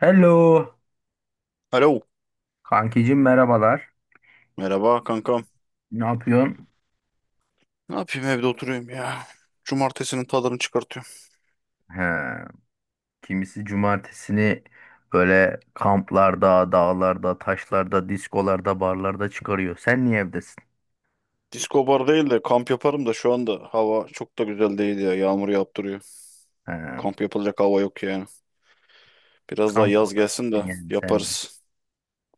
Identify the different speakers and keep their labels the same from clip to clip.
Speaker 1: Hello.
Speaker 2: Alo.
Speaker 1: Kankicim merhabalar.
Speaker 2: Merhaba kankam.
Speaker 1: Ne yapıyorsun?
Speaker 2: Ne yapayım evde oturuyorum ya. Cumartesinin tadını çıkartıyorum.
Speaker 1: He, kimisi cumartesini böyle kamplarda, dağlarda, taşlarda, diskolarda, barlarda çıkarıyor. Sen niye evdesin?
Speaker 2: Disko bar değil de kamp yaparım da şu anda hava çok da güzel değil ya. Yağmur yaptırıyor.
Speaker 1: He,
Speaker 2: Kamp yapılacak hava yok yani. Biraz daha
Speaker 1: kamp
Speaker 2: yaz
Speaker 1: oda
Speaker 2: gelsin de
Speaker 1: yani sen de.
Speaker 2: yaparız.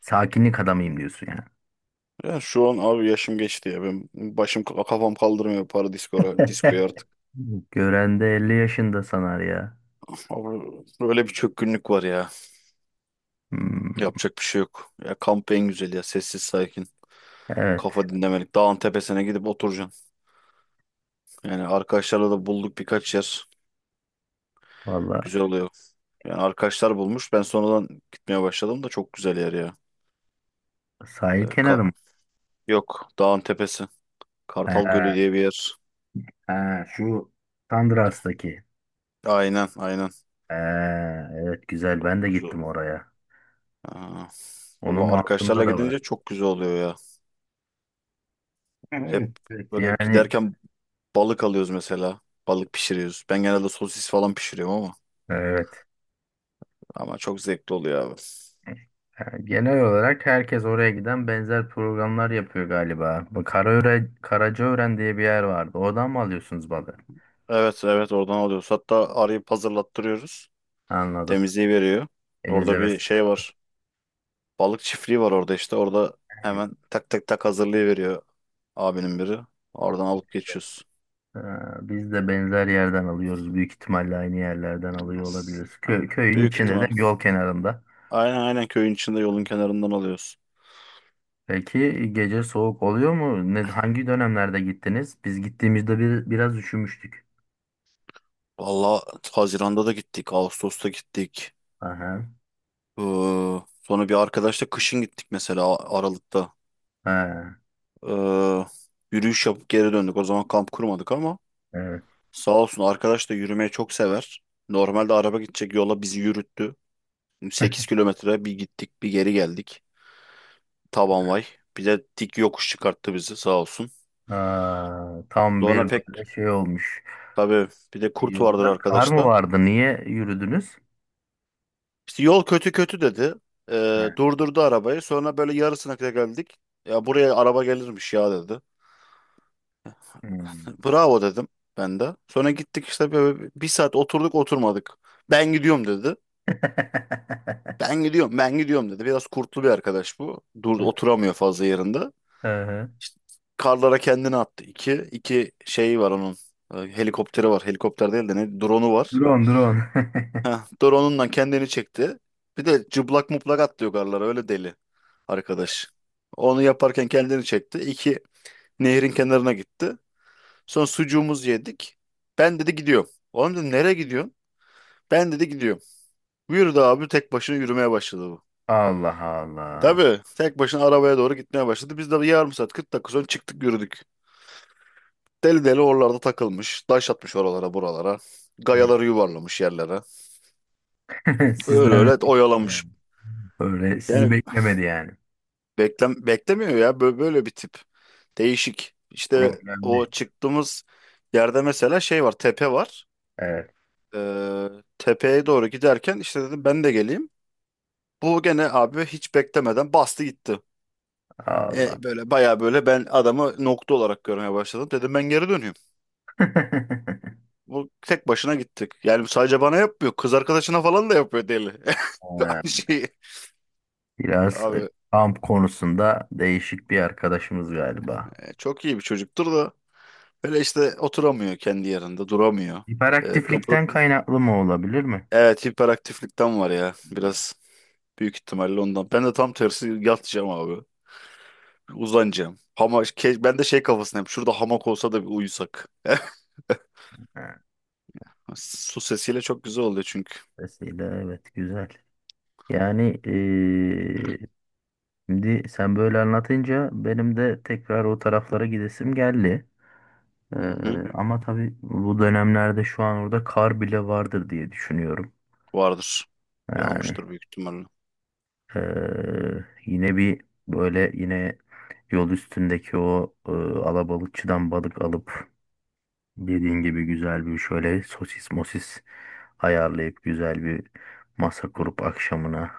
Speaker 1: Sakinlik adamıyım diyorsun ya.
Speaker 2: Ya şu an abi yaşım geçti ya. Ben başım kafam kaldırmıyor para diskora, diskoya artık.
Speaker 1: Gören de 50 yaşında sanar ya.
Speaker 2: Abi böyle bir çökkünlük var ya.
Speaker 1: Hmm,
Speaker 2: Yapacak bir şey yok. Ya kamp en güzel ya. Sessiz sakin.
Speaker 1: evet.
Speaker 2: Kafa dinlemelik. Dağın tepesine gidip oturacaksın. Yani arkadaşlarla da bulduk birkaç yer.
Speaker 1: Valla
Speaker 2: Güzel oluyor. Yani arkadaşlar bulmuş. Ben sonradan gitmeye başladım da çok güzel yer ya.
Speaker 1: sahil
Speaker 2: Ee, ka-
Speaker 1: kenarı mı?
Speaker 2: yok dağın tepesi.
Speaker 1: He,
Speaker 2: Kartal Gölü diye bir yer.
Speaker 1: he, şu Sandras'taki.
Speaker 2: Aynen aynen.
Speaker 1: He, evet güzel ben de
Speaker 2: Güzel.
Speaker 1: gittim oraya.
Speaker 2: Aa,
Speaker 1: Onun
Speaker 2: valla
Speaker 1: altında
Speaker 2: arkadaşlarla
Speaker 1: da var.
Speaker 2: gidince çok güzel oluyor ya.
Speaker 1: Yani
Speaker 2: Hep
Speaker 1: evet. Evet,
Speaker 2: böyle
Speaker 1: yani
Speaker 2: giderken balık alıyoruz mesela. Balık pişiriyoruz. Ben genelde sosis falan pişiriyorum ama.
Speaker 1: evet.
Speaker 2: Ama çok zevkli oluyor abi.
Speaker 1: Yani genel olarak herkes oraya giden benzer programlar yapıyor galiba. Bu Karaöre, Karacaören diye bir yer vardı. Oradan mı alıyorsunuz balı?
Speaker 2: Evet evet, oradan alıyoruz. Hatta arayıp hazırlattırıyoruz.
Speaker 1: Anladım.
Speaker 2: Temizliği veriyor. Orada bir
Speaker 1: Temizlemesi
Speaker 2: şey
Speaker 1: de.
Speaker 2: var. Balık çiftliği var orada işte. Orada
Speaker 1: Evet.
Speaker 2: hemen tak tak tak hazırlayıveriyor. Abinin biri. Oradan alıp geçiyoruz.
Speaker 1: Ha, biz de benzer yerden alıyoruz. Büyük ihtimalle aynı yerlerden alıyor
Speaker 2: As-
Speaker 1: olabiliriz. Kö- köyün
Speaker 2: Büyük
Speaker 1: içinde de
Speaker 2: ihtimal.
Speaker 1: yol kenarında.
Speaker 2: Aynen aynen, köyün içinde yolun kenarından alıyoruz.
Speaker 1: Peki gece soğuk oluyor mu? Ne, hangi dönemlerde gittiniz? Biz gittiğimizde biraz üşümüştük.
Speaker 2: Valla Haziran'da da gittik. Ağustos'ta gittik.
Speaker 1: Aha.
Speaker 2: Ee, sonra bir arkadaşla kışın gittik mesela, Aralık'ta.
Speaker 1: Ha,
Speaker 2: Ee, yürüyüş yapıp geri döndük. O zaman kamp kurmadık ama
Speaker 1: evet.
Speaker 2: sağ olsun, arkadaş da yürümeyi çok sever. Normalde araba gidecek yola bizi yürüttü. 8 kilometre bir gittik bir geri geldik. Taban vay. Bir de dik yokuş çıkarttı bizi sağ olsun.
Speaker 1: Ha, tam bir
Speaker 2: Sonra
Speaker 1: böyle şey olmuş.
Speaker 2: tabii bir de kurt vardır
Speaker 1: Yolda kar mı
Speaker 2: arkadaşta.
Speaker 1: vardı? Niye yürüdünüz?
Speaker 2: İşte yol kötü kötü dedi. Ee,
Speaker 1: Ha,
Speaker 2: durdurdu arabayı. Sonra böyle yarısına kadar geldik. Ya buraya araba gelirmiş ya, dedi.
Speaker 1: hmm.
Speaker 2: Bravo dedim ben de. Sonra gittik işte, böyle bir saat oturduk oturmadık. Ben gidiyorum, dedi. Ben gidiyorum, ben gidiyorum, dedi. Biraz kurtlu bir arkadaş bu. Dur, oturamıyor fazla yerinde.
Speaker 1: Aha.
Speaker 2: İşte karlara kendini attı. İki şey var onun. Helikopteri var. Helikopter değil de ne? Drone'u var.
Speaker 1: Drone, drone.
Speaker 2: Heh, dur onunla kendini çekti. Bir de cıblak muplak atlıyor garlara, öyle deli arkadaş. Onu yaparken kendini çekti. İki, nehrin kenarına gitti. Sonra sucuğumuzu yedik. Ben dedi gidiyorum. Oğlum dedim, nereye gidiyorsun? Ben dedi gidiyorum. Yürüdü abi, tek başına yürümeye başladı bu.
Speaker 1: Allah Allah.
Speaker 2: Tabii tek başına arabaya doğru gitmeye başladı. Biz de bir yarım saat 40 dakika sonra çıktık, yürüdük. Deli deli oralarda takılmış. Taş atmış oralara buralara. Gayaları yuvarlamış yerlere.
Speaker 1: Sizden
Speaker 2: Öyle öyle
Speaker 1: önce
Speaker 2: oyalamış.
Speaker 1: yani. Böyle sizi
Speaker 2: Yani
Speaker 1: beklemedi yani.
Speaker 2: beklemiyor ya böyle, böyle bir tip. Değişik. İşte o
Speaker 1: Problemli.
Speaker 2: çıktığımız yerde mesela şey var, tepe var.
Speaker 1: Evet.
Speaker 2: Ee, tepeye doğru giderken işte dedim ben de geleyim. Bu gene abi hiç beklemeden bastı gitti.
Speaker 1: Allah.
Speaker 2: Böyle baya, böyle ben adamı nokta olarak görmeye başladım. Dedim ben geri dönüyorum. Bu tek başına gittik. Yani sadece bana yapmıyor. Kız arkadaşına falan da yapıyor, deli.
Speaker 1: Ha,
Speaker 2: Aynı şeyi.
Speaker 1: biraz
Speaker 2: Abi
Speaker 1: kamp konusunda değişik bir arkadaşımız galiba.
Speaker 2: çok iyi bir çocuktur da, böyle işte oturamıyor kendi yerinde, duramıyor. E,
Speaker 1: Hiperaktiflikten kaynaklı mı olabilir mi?
Speaker 2: Evet hiperaktiflikten var ya biraz, büyük ihtimalle ondan. Ben de tam tersi yatacağım abi. Uzanacağım. Ben de şey kafasındayım. Şurada hamak olsa da bir uyusak. Su sesiyle çok güzel oluyor çünkü.
Speaker 1: Vesile evet güzel. Yani şimdi sen böyle anlatınca benim de tekrar o taraflara gidesim geldi.
Speaker 2: Hı hı.
Speaker 1: Ama tabii bu dönemlerde şu an orada kar bile vardır diye düşünüyorum.
Speaker 2: Vardır.
Speaker 1: Yani
Speaker 2: Yağmıştır büyük ihtimalle.
Speaker 1: yine bir böyle yine yol üstündeki o alabalıkçıdan balık alıp dediğin gibi güzel bir şöyle sosis mosis ayarlayıp güzel bir masa kurup akşamına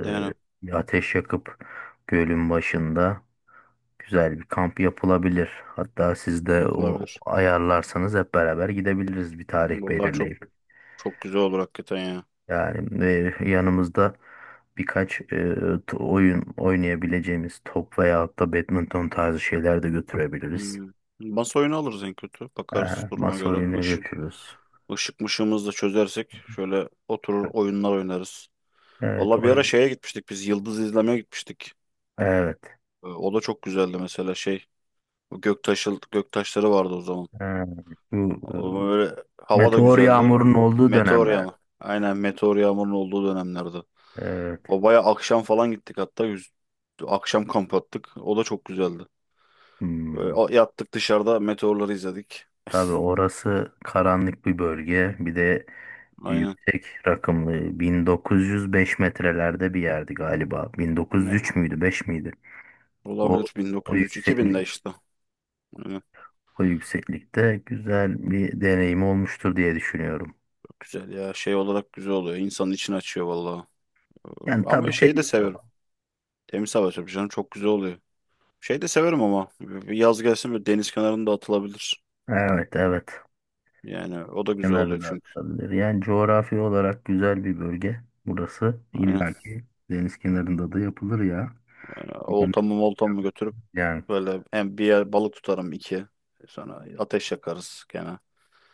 Speaker 2: Yani
Speaker 1: bir ateş yakıp gölün başında güzel bir kamp yapılabilir. Hatta siz de o
Speaker 2: yapılabilir.
Speaker 1: ayarlarsanız hep beraber gidebiliriz bir tarih
Speaker 2: Vallahi çok
Speaker 1: belirleyip.
Speaker 2: çok güzel olur hakikaten ya.
Speaker 1: Yani yanımızda birkaç oyun oynayabileceğimiz top veyahut da badminton tarzı şeyler de götürebiliriz.
Speaker 2: Hmm. Masa oyunu alırız en kötü. Bakarız
Speaker 1: Ee,
Speaker 2: duruma
Speaker 1: masa
Speaker 2: göre.
Speaker 1: oyunu
Speaker 2: Işık,
Speaker 1: götürürüz.
Speaker 2: ışık mışığımızı da çözersek şöyle oturur oyunlar oynarız.
Speaker 1: Evet
Speaker 2: Vallahi bir ara
Speaker 1: oyun.
Speaker 2: şeye gitmiştik biz. Yıldız izlemeye gitmiştik.
Speaker 1: Evet.
Speaker 2: O da çok güzeldi mesela şey. O göktaşı, göktaşları vardı o zaman.
Speaker 1: Ha, bu
Speaker 2: O böyle hava da
Speaker 1: meteor
Speaker 2: güzeldi.
Speaker 1: yağmurun olduğu
Speaker 2: Meteor
Speaker 1: dönemler.
Speaker 2: yağmur. Aynen, meteor yağmurun olduğu dönemlerde.
Speaker 1: Evet.
Speaker 2: O baya akşam falan gittik hatta. Akşam kamp attık. O da çok güzeldi. Böyle
Speaker 1: Hmm.
Speaker 2: yattık dışarıda, meteorları izledik.
Speaker 1: Tabii orası karanlık bir bölge. Bir de
Speaker 2: Aynen.
Speaker 1: yüksek rakımlı 1905 metrelerde bir yerdi galiba.
Speaker 2: Yani
Speaker 1: 1903 müydü, 5 miydi? O
Speaker 2: olabilir
Speaker 1: o
Speaker 2: 1903, 2000'de
Speaker 1: yükseklik
Speaker 2: işte. Aynen.
Speaker 1: o yükseklikte güzel bir deneyim olmuştur diye düşünüyorum.
Speaker 2: Çok güzel ya, şey olarak güzel oluyor. İnsanın içini açıyor vallahi. Ee,
Speaker 1: Yani
Speaker 2: Ama
Speaker 1: tabii
Speaker 2: şeyi de
Speaker 1: temiz
Speaker 2: severim.
Speaker 1: hava.
Speaker 2: Temiz hava tabii canım, çok güzel oluyor. Şey de severim ama yaz gelsin, böyle deniz kenarında atılabilir.
Speaker 1: Evet, evet.
Speaker 2: Yani o da güzel oluyor
Speaker 1: Kenarına
Speaker 2: çünkü.
Speaker 1: atılabilir. Yani coğrafi olarak güzel bir bölge burası.
Speaker 2: Aynen.
Speaker 1: İlla ki deniz kenarında da yapılır ya.
Speaker 2: Yani
Speaker 1: Yani,
Speaker 2: oltamı moltamı götürüp
Speaker 1: yani.
Speaker 2: böyle en bir yer balık tutarım iki. Sonra ateş yakarız gene.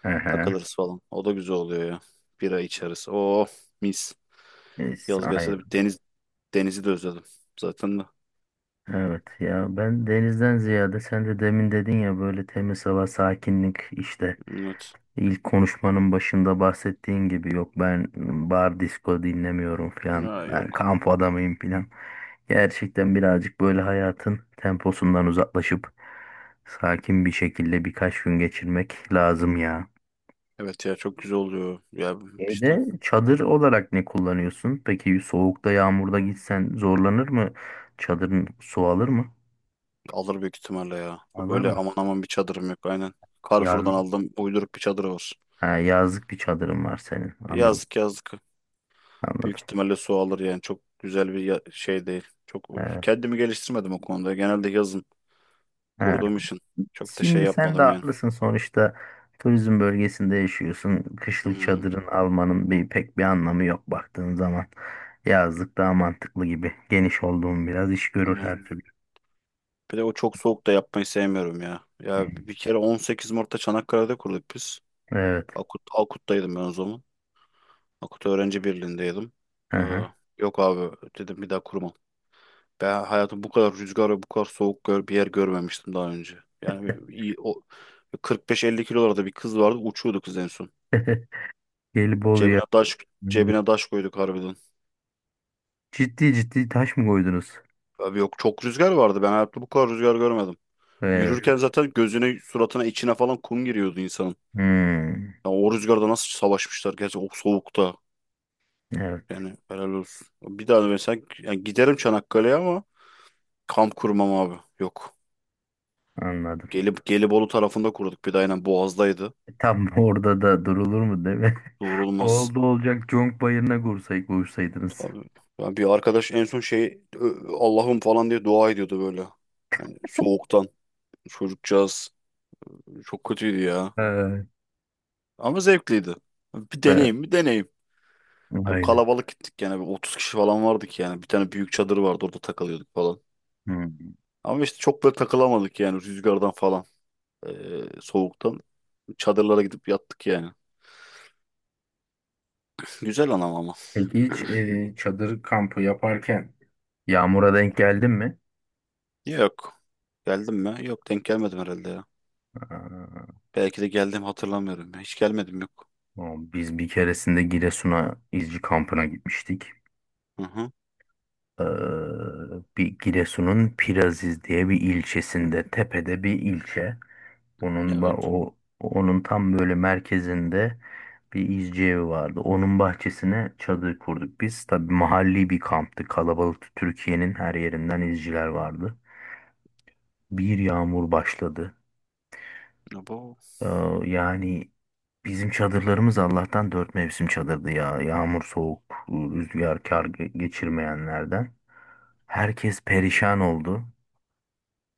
Speaker 1: Hı hı.
Speaker 2: Takılırız falan. O da güzel oluyor ya. Bira içeriz. Oh mis.
Speaker 1: Neyse,
Speaker 2: Yaz gelse de bir
Speaker 1: aynen.
Speaker 2: deniz, denizi de özledim zaten de.
Speaker 1: Evet ya ben denizden ziyade sen de demin dedin ya böyle temiz hava, sakinlik işte.
Speaker 2: Evet.
Speaker 1: İlk konuşmanın başında bahsettiğin gibi yok ben bar disco dinlemiyorum falan.
Speaker 2: Ya
Speaker 1: Ben
Speaker 2: yok.
Speaker 1: kamp adamıyım falan. Gerçekten birazcık böyle hayatın temposundan uzaklaşıp sakin bir şekilde birkaç gün geçirmek lazım ya.
Speaker 2: Evet ya, çok güzel oluyor. Ya işte
Speaker 1: Evde çadır olarak ne kullanıyorsun? Peki soğukta yağmurda gitsen zorlanır mı? Çadırın su alır mı?
Speaker 2: alır büyük ihtimalle ya. Çok
Speaker 1: Alır
Speaker 2: öyle
Speaker 1: mı?
Speaker 2: aman aman bir çadırım yok, aynen.
Speaker 1: Yaz.
Speaker 2: Carrefour'dan aldım, uyduruk bir çadır var.
Speaker 1: Ha, yazlık bir çadırın var senin. Anladım.
Speaker 2: Yazlık yazlık.
Speaker 1: Anladım.
Speaker 2: Büyük ihtimalle su alır yani, çok güzel bir şey değil. Çok kendimi geliştirmedim o konuda. Genelde yazın
Speaker 1: Evet.
Speaker 2: kurduğum için çok da şey
Speaker 1: Şimdi sen de
Speaker 2: yapmadım yani.
Speaker 1: haklısın sonuçta turizm bölgesinde yaşıyorsun. Kışlık
Speaker 2: Hmm,
Speaker 1: çadırın almanın pek bir anlamı yok baktığın zaman. Yazlık daha mantıklı gibi. Geniş olduğun biraz iş görür
Speaker 2: yani.
Speaker 1: her türlü.
Speaker 2: Bir de o çok soğuk da yapmayı sevmiyorum ya.
Speaker 1: Hı.
Speaker 2: Ya bir kere 18 Mart'ta Çanakkale'de kurduk biz.
Speaker 1: Evet.
Speaker 2: Akut'taydım ben o zaman. Akut Öğrenci Birliği'ndeydim.
Speaker 1: Hı
Speaker 2: Ee,
Speaker 1: hı.
Speaker 2: yok abi, dedim bir daha kurmam. Ben hayatım bu kadar rüzgar ve bu kadar soğuk gör, bir yer görmemiştim daha önce. Yani iyi, o 45-50 kilolarda bir kız vardı, uçuyordu kız en son.
Speaker 1: Gelibolu'ya
Speaker 2: Cebine taş, cebine taş koyduk harbiden.
Speaker 1: ciddi ciddi taş mı koydunuz?
Speaker 2: Abi yok, çok rüzgar vardı. Ben hayatımda bu kadar rüzgar görmedim. Yürürken
Speaker 1: Evet.
Speaker 2: zaten gözüne, suratına, içine falan kum giriyordu insanın.
Speaker 1: Hmm.
Speaker 2: Ya o rüzgarda nasıl savaşmışlar, gerçi o soğukta.
Speaker 1: Evet.
Speaker 2: Yani helal olsun. Bir daha da mesela, yani giderim Çanakkale'ye ama kamp kurmam abi. Yok.
Speaker 1: Anladım.
Speaker 2: Gelip Gelibolu tarafında kurduk, bir de aynen Boğaz'daydı.
Speaker 1: Tam orada da durulur mu değil mi?
Speaker 2: Doğrulmaz.
Speaker 1: Oldu olacak Conk Bayırı'na kursaydınız.
Speaker 2: Tabii. Yani bir arkadaş en son şey, Allah'ım" falan diye dua ediyordu böyle. Yani soğuktan. Çocukcağız çok kötüydü ya.
Speaker 1: Evet.
Speaker 2: Ama zevkliydi. Bir
Speaker 1: Evet.
Speaker 2: deneyim, bir deneyim. Ya bu
Speaker 1: Aynen.
Speaker 2: kalabalık gittik yani, bir 30 kişi falan vardık yani. Bir tane büyük çadır vardı, orada takılıyorduk falan.
Speaker 1: Hı.
Speaker 2: Ama işte çok böyle takılamadık yani, rüzgardan falan. Soğuktan. Çadırlara gidip yattık yani. Güzel anam ama.
Speaker 1: Peki hiç çadır kampı yaparken yağmura denk geldin mi?
Speaker 2: Yok. Geldim mi? Yok, denk gelmedim herhalde ya.
Speaker 1: Aa,
Speaker 2: Belki de geldim, hatırlamıyorum ya. Hiç gelmedim, yok.
Speaker 1: o, biz bir keresinde Giresun'a izci kampına gitmiştik.
Speaker 2: Hı hı.
Speaker 1: Ee, bir Giresun'un Piraziz diye bir ilçesinde, tepede bir ilçe.
Speaker 2: Evet.
Speaker 1: O onun tam böyle merkezinde bir izci evi vardı. Onun bahçesine çadır kurduk biz. Tabii mahalli bir kamptı. Kalabalıktı. Türkiye'nin her yerinden izciler vardı. Bir yağmur başladı.
Speaker 2: Ya bu.
Speaker 1: Ee, yani bizim çadırlarımız Allah'tan dört mevsim çadırdı ya. Yağmur, soğuk, rüzgar, kar geçirmeyenlerden. Herkes perişan oldu.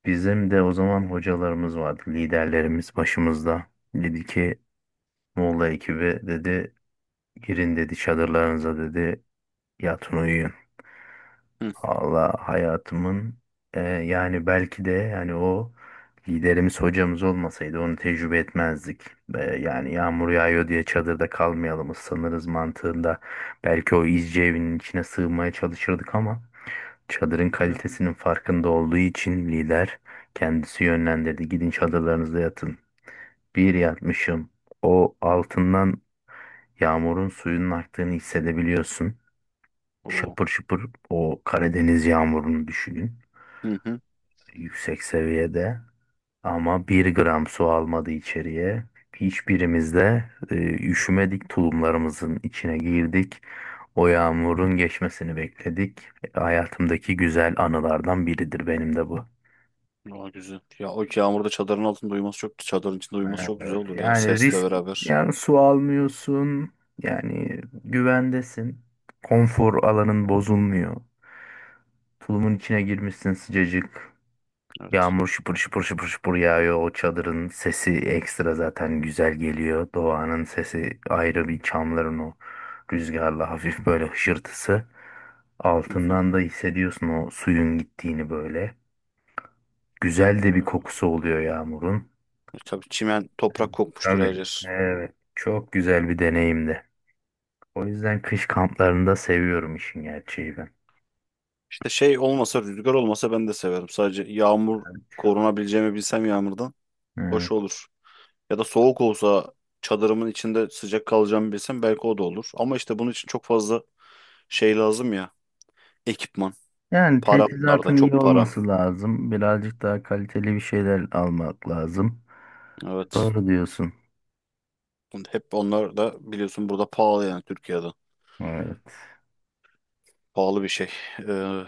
Speaker 1: Bizim de o zaman hocalarımız vardı, liderlerimiz başımızda. Dedi ki Moğol ekibi dedi girin dedi çadırlarınıza dedi yatın uyuyun.
Speaker 2: Hı
Speaker 1: Valla hayatımın yani belki de yani o liderimiz hocamız olmasaydı onu tecrübe etmezdik. Yani yağmur yağıyor diye çadırda kalmayalım ıslanırız mantığında. Belki o izci evinin içine sığmaya çalışırdık ama çadırın
Speaker 2: hı. Hı.
Speaker 1: kalitesinin farkında olduğu için lider kendisi yönlendirdi. Gidin çadırlarınızda yatın. Bir yatmışım. O altından yağmurun suyunun aktığını hissedebiliyorsun.
Speaker 2: Oo.
Speaker 1: Şapır şıpır o Karadeniz yağmurunu düşünün.
Speaker 2: Hı hı.
Speaker 1: Yüksek seviyede ama bir gram su almadı içeriye. Hiçbirimiz de e, üşümedik, tulumlarımızın içine girdik. O yağmurun geçmesini bekledik. Hayatımdaki güzel anılardan biridir benim de bu.
Speaker 2: Güzel. Ya o yağmurda çadırın altında uyuması çok, çadırın içinde uyuması çok güzel
Speaker 1: Evet.
Speaker 2: olur ya, o
Speaker 1: Yani
Speaker 2: sesle
Speaker 1: risk,
Speaker 2: beraber.
Speaker 1: yani su almıyorsun, yani güvendesin. Konfor alanın bozulmuyor. Tulumun içine girmişsin sıcacık.
Speaker 2: Evet.
Speaker 1: Yağmur şıpır şıpır şıpır şıpır yağıyor. O çadırın sesi ekstra zaten güzel geliyor. Doğanın sesi ayrı bir çamların o rüzgarlı hafif böyle hışırtısı.
Speaker 2: Hı hı.
Speaker 1: Altından da hissediyorsun o suyun gittiğini böyle. Güzel de bir
Speaker 2: Vay be.
Speaker 1: kokusu oluyor yağmurun.
Speaker 2: Tabii çimen toprak kokmuştur
Speaker 1: Tabii.
Speaker 2: her yer.
Speaker 1: Evet. Çok güzel bir deneyimdi. O yüzden kış kamplarında seviyorum işin gerçeği ben.
Speaker 2: İşte şey olmasa, rüzgar olmasa ben de severim. Sadece yağmur, korunabileceğimi bilsem yağmurdan
Speaker 1: Evet.
Speaker 2: hoş olur. Ya da soğuk olsa çadırımın içinde sıcak kalacağımı bilsem, belki o da olur. Ama işte bunun için çok fazla şey lazım ya. Ekipman.
Speaker 1: Yani
Speaker 2: Para, bunlarda
Speaker 1: teçhizatın iyi
Speaker 2: çok para.
Speaker 1: olması lazım. Birazcık daha kaliteli bir şeyler almak lazım.
Speaker 2: Evet.
Speaker 1: Doğru diyorsun.
Speaker 2: Hep onlar da biliyorsun burada pahalı yani, Türkiye'de.
Speaker 1: Evet.
Speaker 2: Pahalı bir şey. Ee,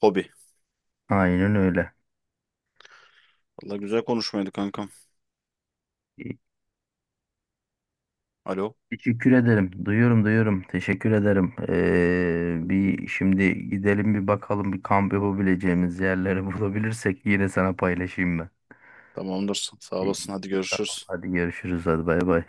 Speaker 2: hobi.
Speaker 1: Aynen öyle.
Speaker 2: Valla güzel konuşmaydı kankam.
Speaker 1: E,
Speaker 2: Alo.
Speaker 1: Teşekkür ederim. Duyuyorum, duyuyorum. Teşekkür ederim. Bir şimdi gidelim bir bakalım bir kamp yapabileceğimiz yerleri bulabilirsek yine sana paylaşayım ben.
Speaker 2: Tamamdır. Sağ
Speaker 1: İyi.
Speaker 2: olasın. Hadi
Speaker 1: Tamam,
Speaker 2: görüşürüz.
Speaker 1: hadi görüşürüz. Hadi bay bay.